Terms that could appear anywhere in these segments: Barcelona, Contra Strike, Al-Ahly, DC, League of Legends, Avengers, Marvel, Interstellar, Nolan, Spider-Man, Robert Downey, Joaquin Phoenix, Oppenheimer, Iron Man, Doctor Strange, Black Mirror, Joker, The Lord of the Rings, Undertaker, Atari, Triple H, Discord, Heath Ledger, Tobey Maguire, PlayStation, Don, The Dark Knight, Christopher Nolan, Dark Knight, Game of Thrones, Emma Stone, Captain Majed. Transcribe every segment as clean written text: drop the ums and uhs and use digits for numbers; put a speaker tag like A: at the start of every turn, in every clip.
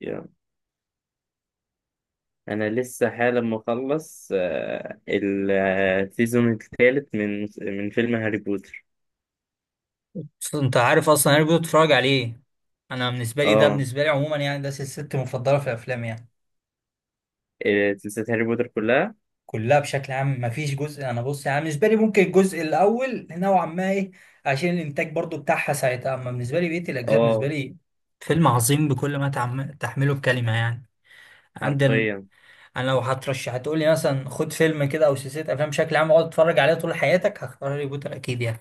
A: يلا. انا لسه حالا مخلص السيزون الثالث من فيلم هاري بوتر.
B: بس انت عارف اصلا انا كنت بتفرج عليه. انا بالنسبه لي ده
A: اه.
B: بالنسبه لي عموما يعني ده سلسلتي المفضله في الافلام يعني،
A: سلسلة هاري بوتر كلها.
B: كلها بشكل عام. مفيش جزء، انا بص يعني بالنسبه لي ممكن الجزء الاول نوعا ما ايه، عشان الانتاج برضو بتاعها ساعتها. اما بالنسبه لي بقيه الاجزاء بالنسبه
A: اه،
B: لي فيلم عظيم بكل ما تحمله بكلمه يعني. عندنا
A: حرفيا.
B: انا لو هترشح هتقول لي مثلا خد فيلم كده او سلسله افلام بشكل عام اقعد اتفرج عليها طول حياتك، هختار هاري بوتر اكيد يعني.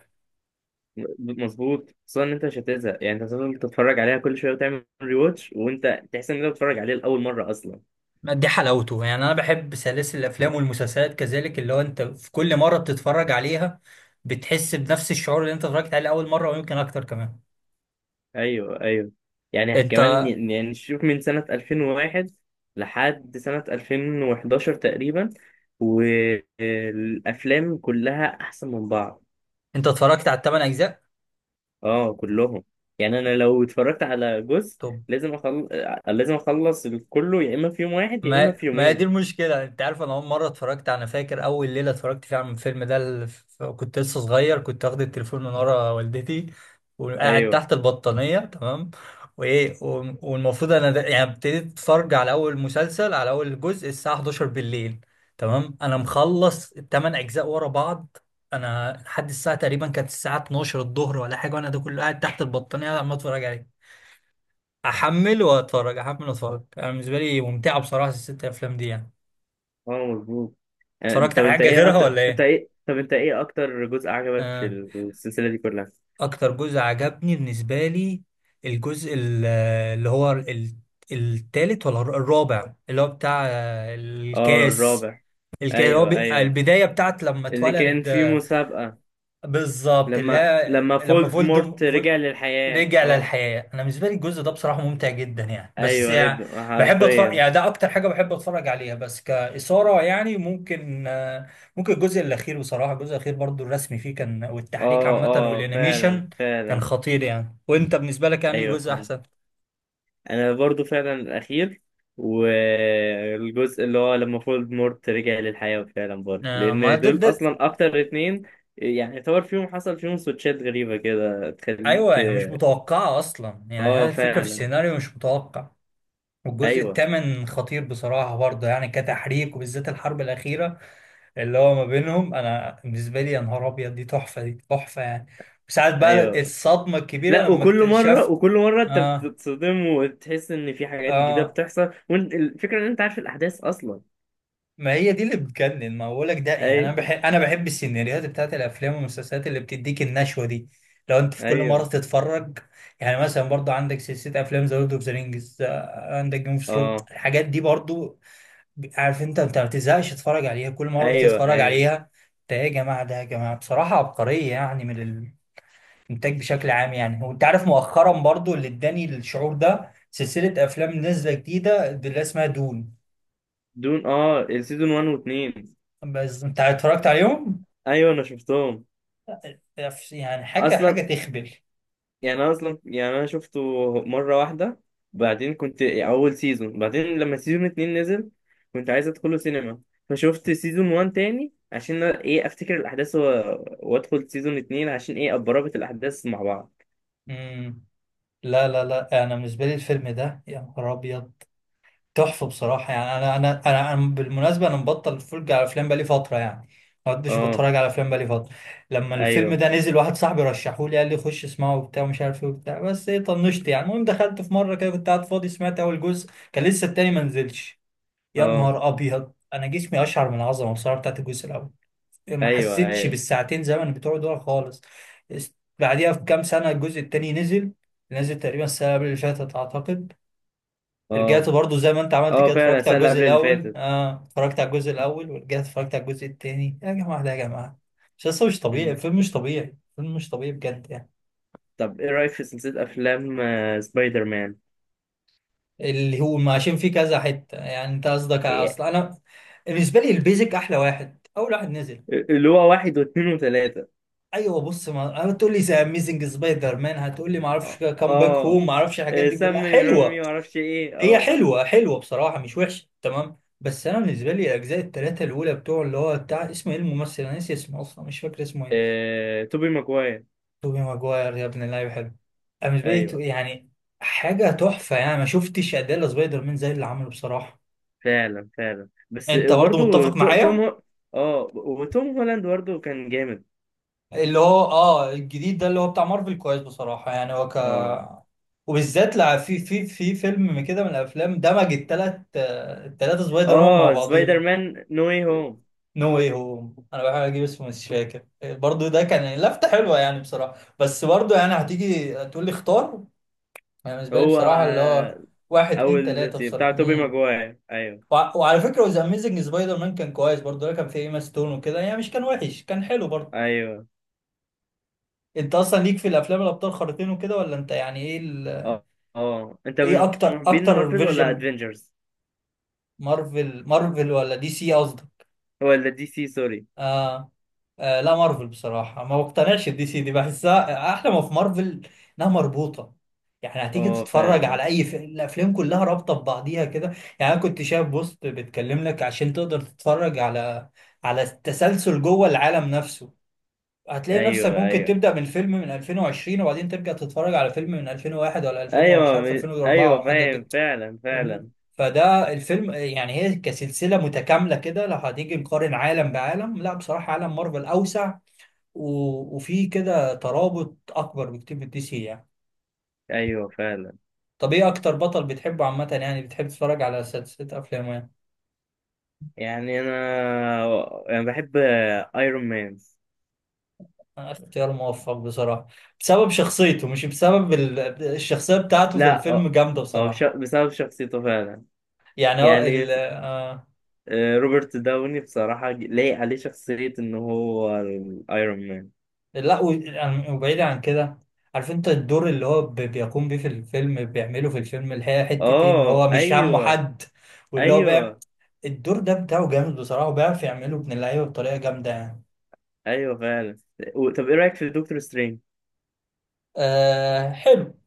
A: مظبوط، خصوصا ان انت مش هتزهق، يعني انت هتفضل تتفرج عليها كل شويه وتعمل ري واتش وانت تحس ان انت بتتفرج عليه لاول مره اصلا.
B: دي حلاوته، يعني انا بحب سلاسل الافلام والمسلسلات كذلك، اللي هو انت في كل مره بتتفرج عليها بتحس بنفس الشعور اللي انت اتفرجت عليه اول مره، ويمكن اكتر كمان.
A: ايوه ايوه. يعني
B: انت
A: كمان يعني شوف من سنه 2001 لحد سنه 2011 تقريبا، والافلام كلها احسن من بعض.
B: انت اتفرجت على الثمان اجزاء؟
A: اه كلهم. يعني انا لو اتفرجت على جزء
B: طب
A: لازم اخلص، لازم اخلص كله، يا اما في يوم واحد يا اما
B: ما
A: في
B: ما هي دي
A: يومين.
B: المشكلة. انت عارف انا اول مرة اتفرجت، انا فاكر اول ليلة اتفرجت فيها على الفيلم ده، كنت لسه صغير، كنت واخد التليفون من ورا والدتي وقاعد
A: ايوه.
B: تحت البطانية تمام، وايه والمفروض انا ده يعني ابتديت اتفرج على اول مسلسل على اول جزء الساعة 11 بالليل. تمام، انا مخلص الثمان اجزاء ورا بعض، انا لحد الساعة تقريبا كانت الساعة 12 الظهر ولا حاجة، وانا ده كله قاعد تحت البطانية عمال اتفرج عليه، احمل واتفرج احمل واتفرج. انا بالنسبة لي ممتعة بصراحة الست افلام دي يعني.
A: اه مظبوط.
B: اتفرجت على حاجة غيرها ولا ايه؟
A: طب انت ايه اكتر جزء عجبك في
B: آه.
A: السلسله دي كلها؟
B: اكتر جزء عجبني بالنسبة لي الجزء التالت ولا الرابع، اللي هو بتاع
A: اه
B: الكاس.
A: الرابع.
B: الكاس هو
A: ايوه ايوه.
B: البداية بتاعت لما
A: اللي كان
B: اتولد.
A: فيه مسابقه.
B: بالظبط، اللي
A: لما
B: هي
A: لما
B: لما
A: فولدمورت رجع للحياه.
B: رجع
A: اه.
B: للحياة. انا بالنسبة لي الجزء ده بصراحة ممتع جدا يعني، بس
A: ايوه
B: يعني
A: ايوه
B: بحب اتفرج،
A: حرفيا.
B: يعني ده اكتر حاجة بحب اتفرج عليها بس كإثارة يعني. ممكن ممكن الجزء الاخير بصراحة، الجزء الاخير برضو الرسم فيه كان والتحريك
A: اه
B: عامة
A: اه فعلا
B: والانيميشن كان
A: فعلا.
B: خطير يعني. وانت بالنسبة لك يعني
A: ايوه
B: جزء
A: فعلا،
B: احسن؟
A: انا برضو فعلا الاخير. والجزء اللي هو لما فولد مورت رجع للحياة فعلا برضو،
B: ما
A: لان
B: ده,
A: دول
B: ده
A: اصلا اكتر اتنين يعني يعتبر فيهم، حصل فيهم سويتشات غريبة كده
B: ايوه
A: تخليك.
B: يعني مش متوقعة اصلا، يعني
A: اه
B: هذه الفكرة في
A: فعلا.
B: السيناريو مش متوقع. والجزء
A: ايوه
B: الثامن خطير بصراحة برضه يعني كتحريك، وبالذات الحرب الأخيرة اللي هو ما بينهم. انا بالنسبه لي يا نهار ابيض، دي تحفه دي تحفه يعني. وساعات بقى
A: ايوه.
B: الصدمه الكبيره
A: لا،
B: لما
A: وكل مرة
B: اكتشفت.
A: وكل مرة انت
B: اه،
A: بتتصدم وتحس ان في حاجات جديدة
B: اه،
A: بتحصل، والفكرة ان انت عارف الاحداث اصلا.
B: ما هي دي اللي بتجنن. ما بقولك ده يعني، انا بحب
A: ايوه
B: انا بحب السيناريوهات بتاعت الافلام والمسلسلات اللي بتديك النشوه دي، لو انت في كل مره
A: ايوه.
B: تتفرج. يعني مثلا برضو عندك سلسله افلام ذا لورد اوف ذا رينجز، عندك جيم اوف ثرونز،
A: اه.
B: الحاجات دي برضو. عارف انت ما بتزهقش تتفرج عليها، كل مره
A: ايوه
B: بتتفرج
A: ايوه،
B: عليها ده يا جماعه، ده يا جماعه بصراحه عبقريه يعني، من انتاج بشكل عام يعني. وانت عارف مؤخرا برضو اللي اداني الشعور ده سلسلة افلام نازلة جديدة اللي اسمها دون.
A: دون. اه السيزون 1 و2.
B: بس انت اتفرجت عليهم؟
A: ايوه انا شفتهم
B: يعني حاجة
A: اصلا.
B: تخبل.
A: يعني انا اصلا يعني انا شفته مره واحده، بعدين كنت اول سيزون، بعدين لما سيزون اتنين نزل كنت عايز ادخله سينما، فشفت سيزون وان تاني عشان ايه افتكر الاحداث وادخل سيزون اتنين عشان ايه اتربط الاحداث مع بعض.
B: امم، لا لا لا، انا بالنسبة لي الفيلم ده يا نهار ابيض، تحفة بصراحة يعني. أنا بالمناسبة أنا مبطل أتفرج على أفلام بقالي فترة يعني، ما كنتش
A: اه
B: بتفرج على أفلام بقالي فترة. لما الفيلم
A: ايوه.
B: ده نزل واحد صاحبي رشحه لي، قال لي خش اسمعه وبتاع ومش عارف إيه وبتاع، بس إيه طنشت يعني. المهم دخلت في مرة كده كنت قاعد فاضي، سمعت أول جزء، كان لسه التاني ما نزلش. يا
A: اه
B: نهار أبيض، أنا جسمي أشعر من العظمة بصراحة بتاعت الجزء الأول. ما
A: ايوه
B: حسيتش
A: ايوه.
B: بالساعتين زمن بتوع دول خالص. بعديها بكام سنة الجزء التاني نزل، نزل تقريبا السنة اللي فاتت أعتقد. رجعت
A: اه
B: برضو زي ما انت عملت
A: اه
B: كده،
A: فعلا
B: اتفرجت
A: السنه
B: على
A: اللي
B: الجزء
A: قبل اللي
B: الاول،
A: فاتت.
B: اه اتفرجت على الجزء الاول ورجعت اتفرجت على الجزء التاني. يا جماعه ده يا جماعه، مسلسل مش طبيعي،
A: مم.
B: فيلم مش طبيعي، فيلم مش طبيعي بجد يعني.
A: طب ايه رايك في سلسله افلام سبايدر مان؟
B: اللي هو عشان فيه كذا حته يعني، انت قصدك
A: إيه-
B: اصل انا بالنسبه لي البيزك احلى واحد، اول واحد نزل.
A: اللي هو واحد واثنين وثلاثه.
B: ايوه، بص ما هتقول لي زي اميزنج سبايدر مان، هتقول لي ما اعرفش
A: اه.
B: كام باك هوم،
A: آه.
B: ما اعرفش الحاجات دي كلها
A: سمي
B: حلوه.
A: رامي، معرفش ايه.
B: هي
A: اه.
B: حلوة حلوة بصراحة، مش وحشة تمام، بس أنا بالنسبة لي الأجزاء التلاتة الأولى بتوع اللي هو بتاع اسمه إيه الممثل، أنا ناسي اسمه أصلا مش فاكر اسمه إيه.
A: توبي ماجواير.
B: توبي ماجواير، يا ابن اللعيبة حلو. أنا بالنسبة لي
A: ايوه
B: يعني حاجة تحفة يعني، ما شفتش أداء سبايدر مان زي اللي عمله بصراحة.
A: فعلا فعلا بس
B: أنت برضو
A: برضه.
B: متفق
A: تو... توم
B: معايا.
A: هو... اه، وتوم هولاند برضه كان جامد.
B: اللي هو آه الجديد ده اللي هو بتاع مارفل كويس بصراحة يعني، هو ك
A: اه.
B: وبالذات لا في فيلم كده من الأفلام دمج التلاتة سبايدر مان
A: اه
B: مع
A: سبايدر
B: بعضيهم.
A: مان نو واي هوم.
B: نو ايه هو، انا بحاول اجيب اسمه مش فاكر برضو، ده كان لفته حلوه يعني بصراحه. بس برضو يعني هتيجي تقول لي اختار، انا بالنسبه لي
A: هو
B: بصراحه اللي هو واحد اتنين
A: اول
B: تلاته
A: بتاع
B: بصراحه.
A: توبي
B: امم،
A: ماجواير. ايوه
B: وعلى فكره وذا اميزنج سبايدر مان كان كويس برضو، ده كان فيه ايما ستون وكده يعني، مش كان وحش كان حلو برضو.
A: ايوه.
B: انت اصلا ليك في الافلام الابطال خارقين وكده، ولا انت يعني ايه ال...
A: اه اه. انت
B: ايه
A: من
B: اكتر
A: محبين
B: اكتر
A: مارفل ولا
B: فيرجن،
A: ادفنجرز
B: مارفل مارفل ولا دي سي قصدي؟
A: ولا دي سي؟ سوري.
B: آه. آه لا مارفل بصراحة، ما بقتنعش الدي سي. دي بحسها أحلى ما في مارفل إنها مربوطة، يعني هتيجي
A: اه
B: تتفرج
A: فعلا.
B: على أي الأفلام كلها رابطة ببعضيها كده. يعني أنا كنت شايف بوست بتكلم لك عشان تقدر تتفرج على على التسلسل جوه العالم نفسه. هتلاقي نفسك
A: ايوه
B: ممكن
A: ايوه.
B: تبدأ من فيلم من 2020 وبعدين ترجع تتفرج على فيلم من 2001 ولا 2000 ومش
A: ايوه
B: عارف 2004
A: ايوه
B: وحاجة
A: فاهم
B: كده،
A: فعلا
B: فاهمني؟
A: فعلا.
B: فده الفيلم يعني هي كسلسلة متكاملة كده. لو هتيجي نقارن عالم بعالم، لا بصراحة عالم مارفل أوسع و... وفيه كده ترابط أكبر بكتير من دي سي يعني.
A: ايوه فعلا.
B: طب إيه أكتر بطل بتحبه عامة، يعني بتحب تتفرج على سلسلة أفلامه يعني؟
A: يعني انا بحب ايرون مان.
B: أنا اختيار موفق بصراحة، بسبب شخصيته مش بسبب ال... الشخصية بتاعته في
A: لا
B: الفيلم جامدة بصراحة.
A: بسبب شخصيته فعلا.
B: يعني هو
A: يعني
B: ال...
A: روبرت داوني بصراحة لايق عليه شخصية ان هو ايرون مان.
B: لا وبعيد عن كده، عارف انت الدور اللي هو بيقوم بيه في الفيلم، بيعمله في الفيلم اللي هي حتة ايه ان
A: اه
B: هو مش همه
A: ايوه
B: حد. واللي هو بيع،
A: ايوه
B: الدور ده بتاعه جامد بصراحة، وبيعرف يعمله ابن اللعيبة بطريقة جامدة يعني.
A: ايوه فعلا. طب ايه رأيك في دكتور سترينج؟
B: آه حلو،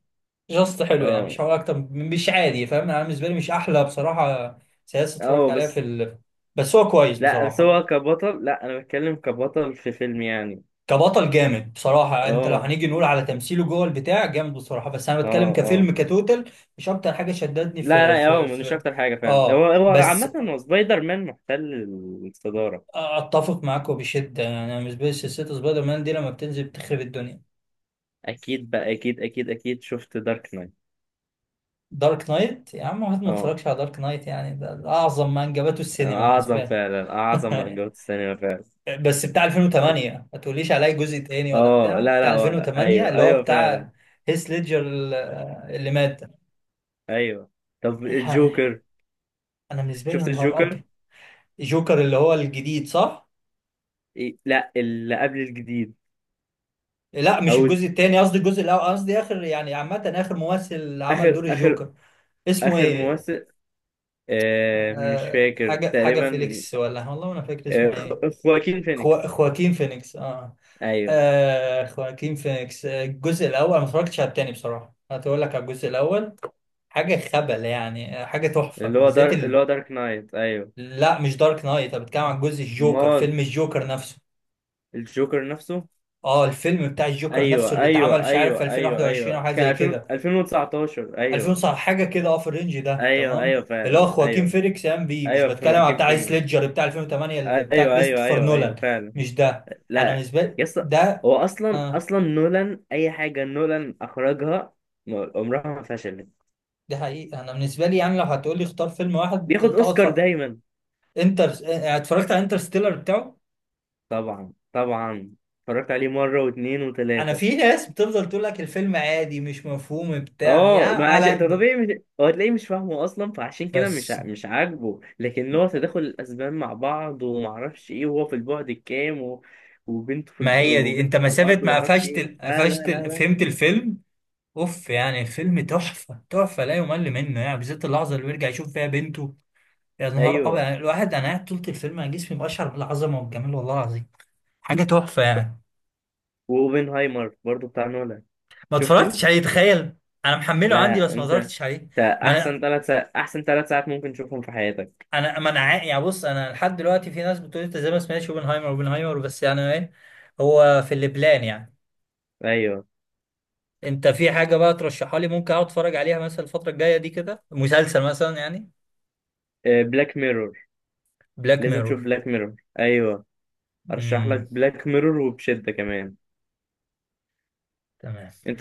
B: جاست حلو يعني،
A: اه
B: مش هقول مش عادي فاهم، انا بالنسبة لي مش احلى بصراحة سياسة اتفرجت
A: اه
B: عليها في
A: بس.
B: ال... بس هو كويس
A: لا بس
B: بصراحة.
A: هو كبطل، لا انا بتكلم كبطل في فيلم يعني.
B: كبطل جامد بصراحة، انت لو
A: اه
B: هنيجي نقول على تمثيله جوه البتاع جامد بصراحة، بس انا
A: اه
B: بتكلم
A: اه.
B: كفيلم كتوتال. مش اكتر حاجة شدتني
A: لا
B: في
A: لا،
B: في
A: هو مش
B: في
A: اكتر حاجه فاهم، هو
B: اه
A: هو
B: بس،
A: عامه هو سبايدر مان محتل الصداره.
B: اتفق معاك وبشدة يعني. انا بالنسبة لي سلسلة سبايدر مان دي لما بتنزل بتخرب الدنيا.
A: اكيد بقى، اكيد اكيد اكيد. شفت دارك نايت؟
B: دارك نايت يا عم، واحد ما
A: اه،
B: اتفرجش على دارك نايت يعني، ده اعظم ما انجبته السينما
A: اعظم
B: بالنسبة
A: فعلا، اعظم من
B: لي.
A: جوة السينما فعلا.
B: بس بتاع 2008 ما تقوليش عليا جزء تاني، ولا
A: اه
B: بتاع
A: لا
B: بتاع
A: لا، هو
B: 2008
A: ايوه
B: اللي هو
A: ايوه فعلا
B: بتاع هيث ليدجر اللي مات.
A: ايوه. طب
B: يعني
A: الجوكر،
B: انا بالنسبه لي يا
A: شفت
B: نهار،
A: الجوكر؟
B: جوكر اللي هو الجديد صح؟
A: إيه؟ لا اللي قبل الجديد.
B: لا مش
A: اول
B: الجزء التاني قصدي، الجزء الأول قصدي، آخر يعني عامة آخر ممثل عمل
A: اخر،
B: دور
A: اخر
B: الجوكر اسمه
A: اخر
B: إيه؟
A: ممثل. آه مش
B: آه
A: فاكر
B: حاجة
A: تقريبا.
B: فيليكس ولا والله ما أنا فاكر اسمه إيه؟
A: خواكين فينيكس.
B: خواكين فينيكس آه.
A: ايوه.
B: آه خواكين فينيكس، الجزء الأول، أنا ما اتفرجتش على التاني بصراحة، هتقول لك على الجزء الأول حاجة خبل يعني. حاجة تحفة،
A: اللي هو
B: وبالذات
A: اللي
B: ال...
A: هو دارك نايت. ايوه.
B: لا مش دارك نايت، أنا بتكلم عن جزء الجوكر،
A: امال،
B: فيلم الجوكر نفسه.
A: الجوكر نفسه.
B: اه الفيلم بتاع الجوكر
A: ايوه
B: نفسه اللي اتعمل
A: ايوه
B: مش عارف في
A: ايوه ايوه
B: 2021 او
A: ايوه،
B: حاجه
A: كان
B: زي
A: 2000
B: كده،
A: 2019.
B: 2000
A: ايوه
B: صح حاجه كده اه في الرينج ده
A: ايوه
B: تمام،
A: ايوه
B: اللي هو
A: فعلا.
B: خواكين
A: ايوه
B: فينيكس قام بيه، مش
A: ايوه
B: بتكلم على
A: كيم
B: بتاع
A: فيجن.
B: سليدجر بتاع 2008 اللي بتاع
A: ايوه ايوه
B: كريستوفر
A: ايوه
B: نولان.
A: ايوه فعلا.
B: مش ده، انا
A: لا.
B: بالنسبه لي
A: يس.
B: ده.
A: هو اصلا
B: اه
A: نولان، اي حاجه نولان اخرجها عمرها ما فشلت.
B: ده حقيقي. انا بالنسبه لي يعني لو هتقول لي اختار فيلم واحد
A: بياخد
B: تقعد
A: اوسكار
B: فر...
A: دايما.
B: انتر آه، يعني اتفرجت على انترستيلر بتاعه.
A: طبعا طبعا. اتفرجت عليه مره واثنين
B: انا
A: وثلاثه.
B: في ناس بتفضل تقول لك الفيلم عادي مش مفهوم بتاع
A: اه،
B: يعني
A: ما عشان
B: على،
A: ده طبيعي. مش... هو تلاقيه مش فاهمه اصلا، فعشان كده
B: بس
A: مش عاجبه، لكن هو تداخل الاسبان مع بعض وما اعرفش ايه، وهو في البعد الكام وبنته في
B: ما هي دي، انت
A: وبنته على
B: مسافه
A: الارض وما
B: ما
A: اعرفش ايه. لا لا لا لا.
B: فهمت الفيلم اوف، يعني فيلم تحفه تحفه لا يمل منه يعني، بالذات اللحظه اللي بيرجع يشوف فيها بنته. يا نهار ابيض
A: ايوه.
B: يعني الواحد، انا قاعد طول الفيلم انا جسمي بشعر بالعظمه والجمال والله العظيم، حاجه تحفه يعني.
A: واوبنهايمر برضو بتاع نولان.
B: ما
A: شفته.
B: اتفرجتش عليه تخيل، انا محمله عندي
A: لا
B: بس ما
A: انت،
B: اتفرجتش عليه.
A: انت
B: ما
A: احسن
B: انا
A: احسن 3 ساعات ممكن تشوفهم في حياتك.
B: انا ما انا عا- يعني بص انا لحد دلوقتي في ناس بتقول انت زي ما سمعتش اوبنهايمر اوبنهايمر، بس يعني ايه هو في البلان يعني.
A: ايوه.
B: انت في حاجه بقى ترشحها لي ممكن اقعد اتفرج عليها مثلا الفتره الجايه دي كده، مسلسل مثلا يعني؟
A: بلاك ميرور،
B: بلاك
A: لازم تشوف
B: ميرور.
A: بلاك ميرور. ايوه ارشح لك بلاك ميرور وبشدة كمان.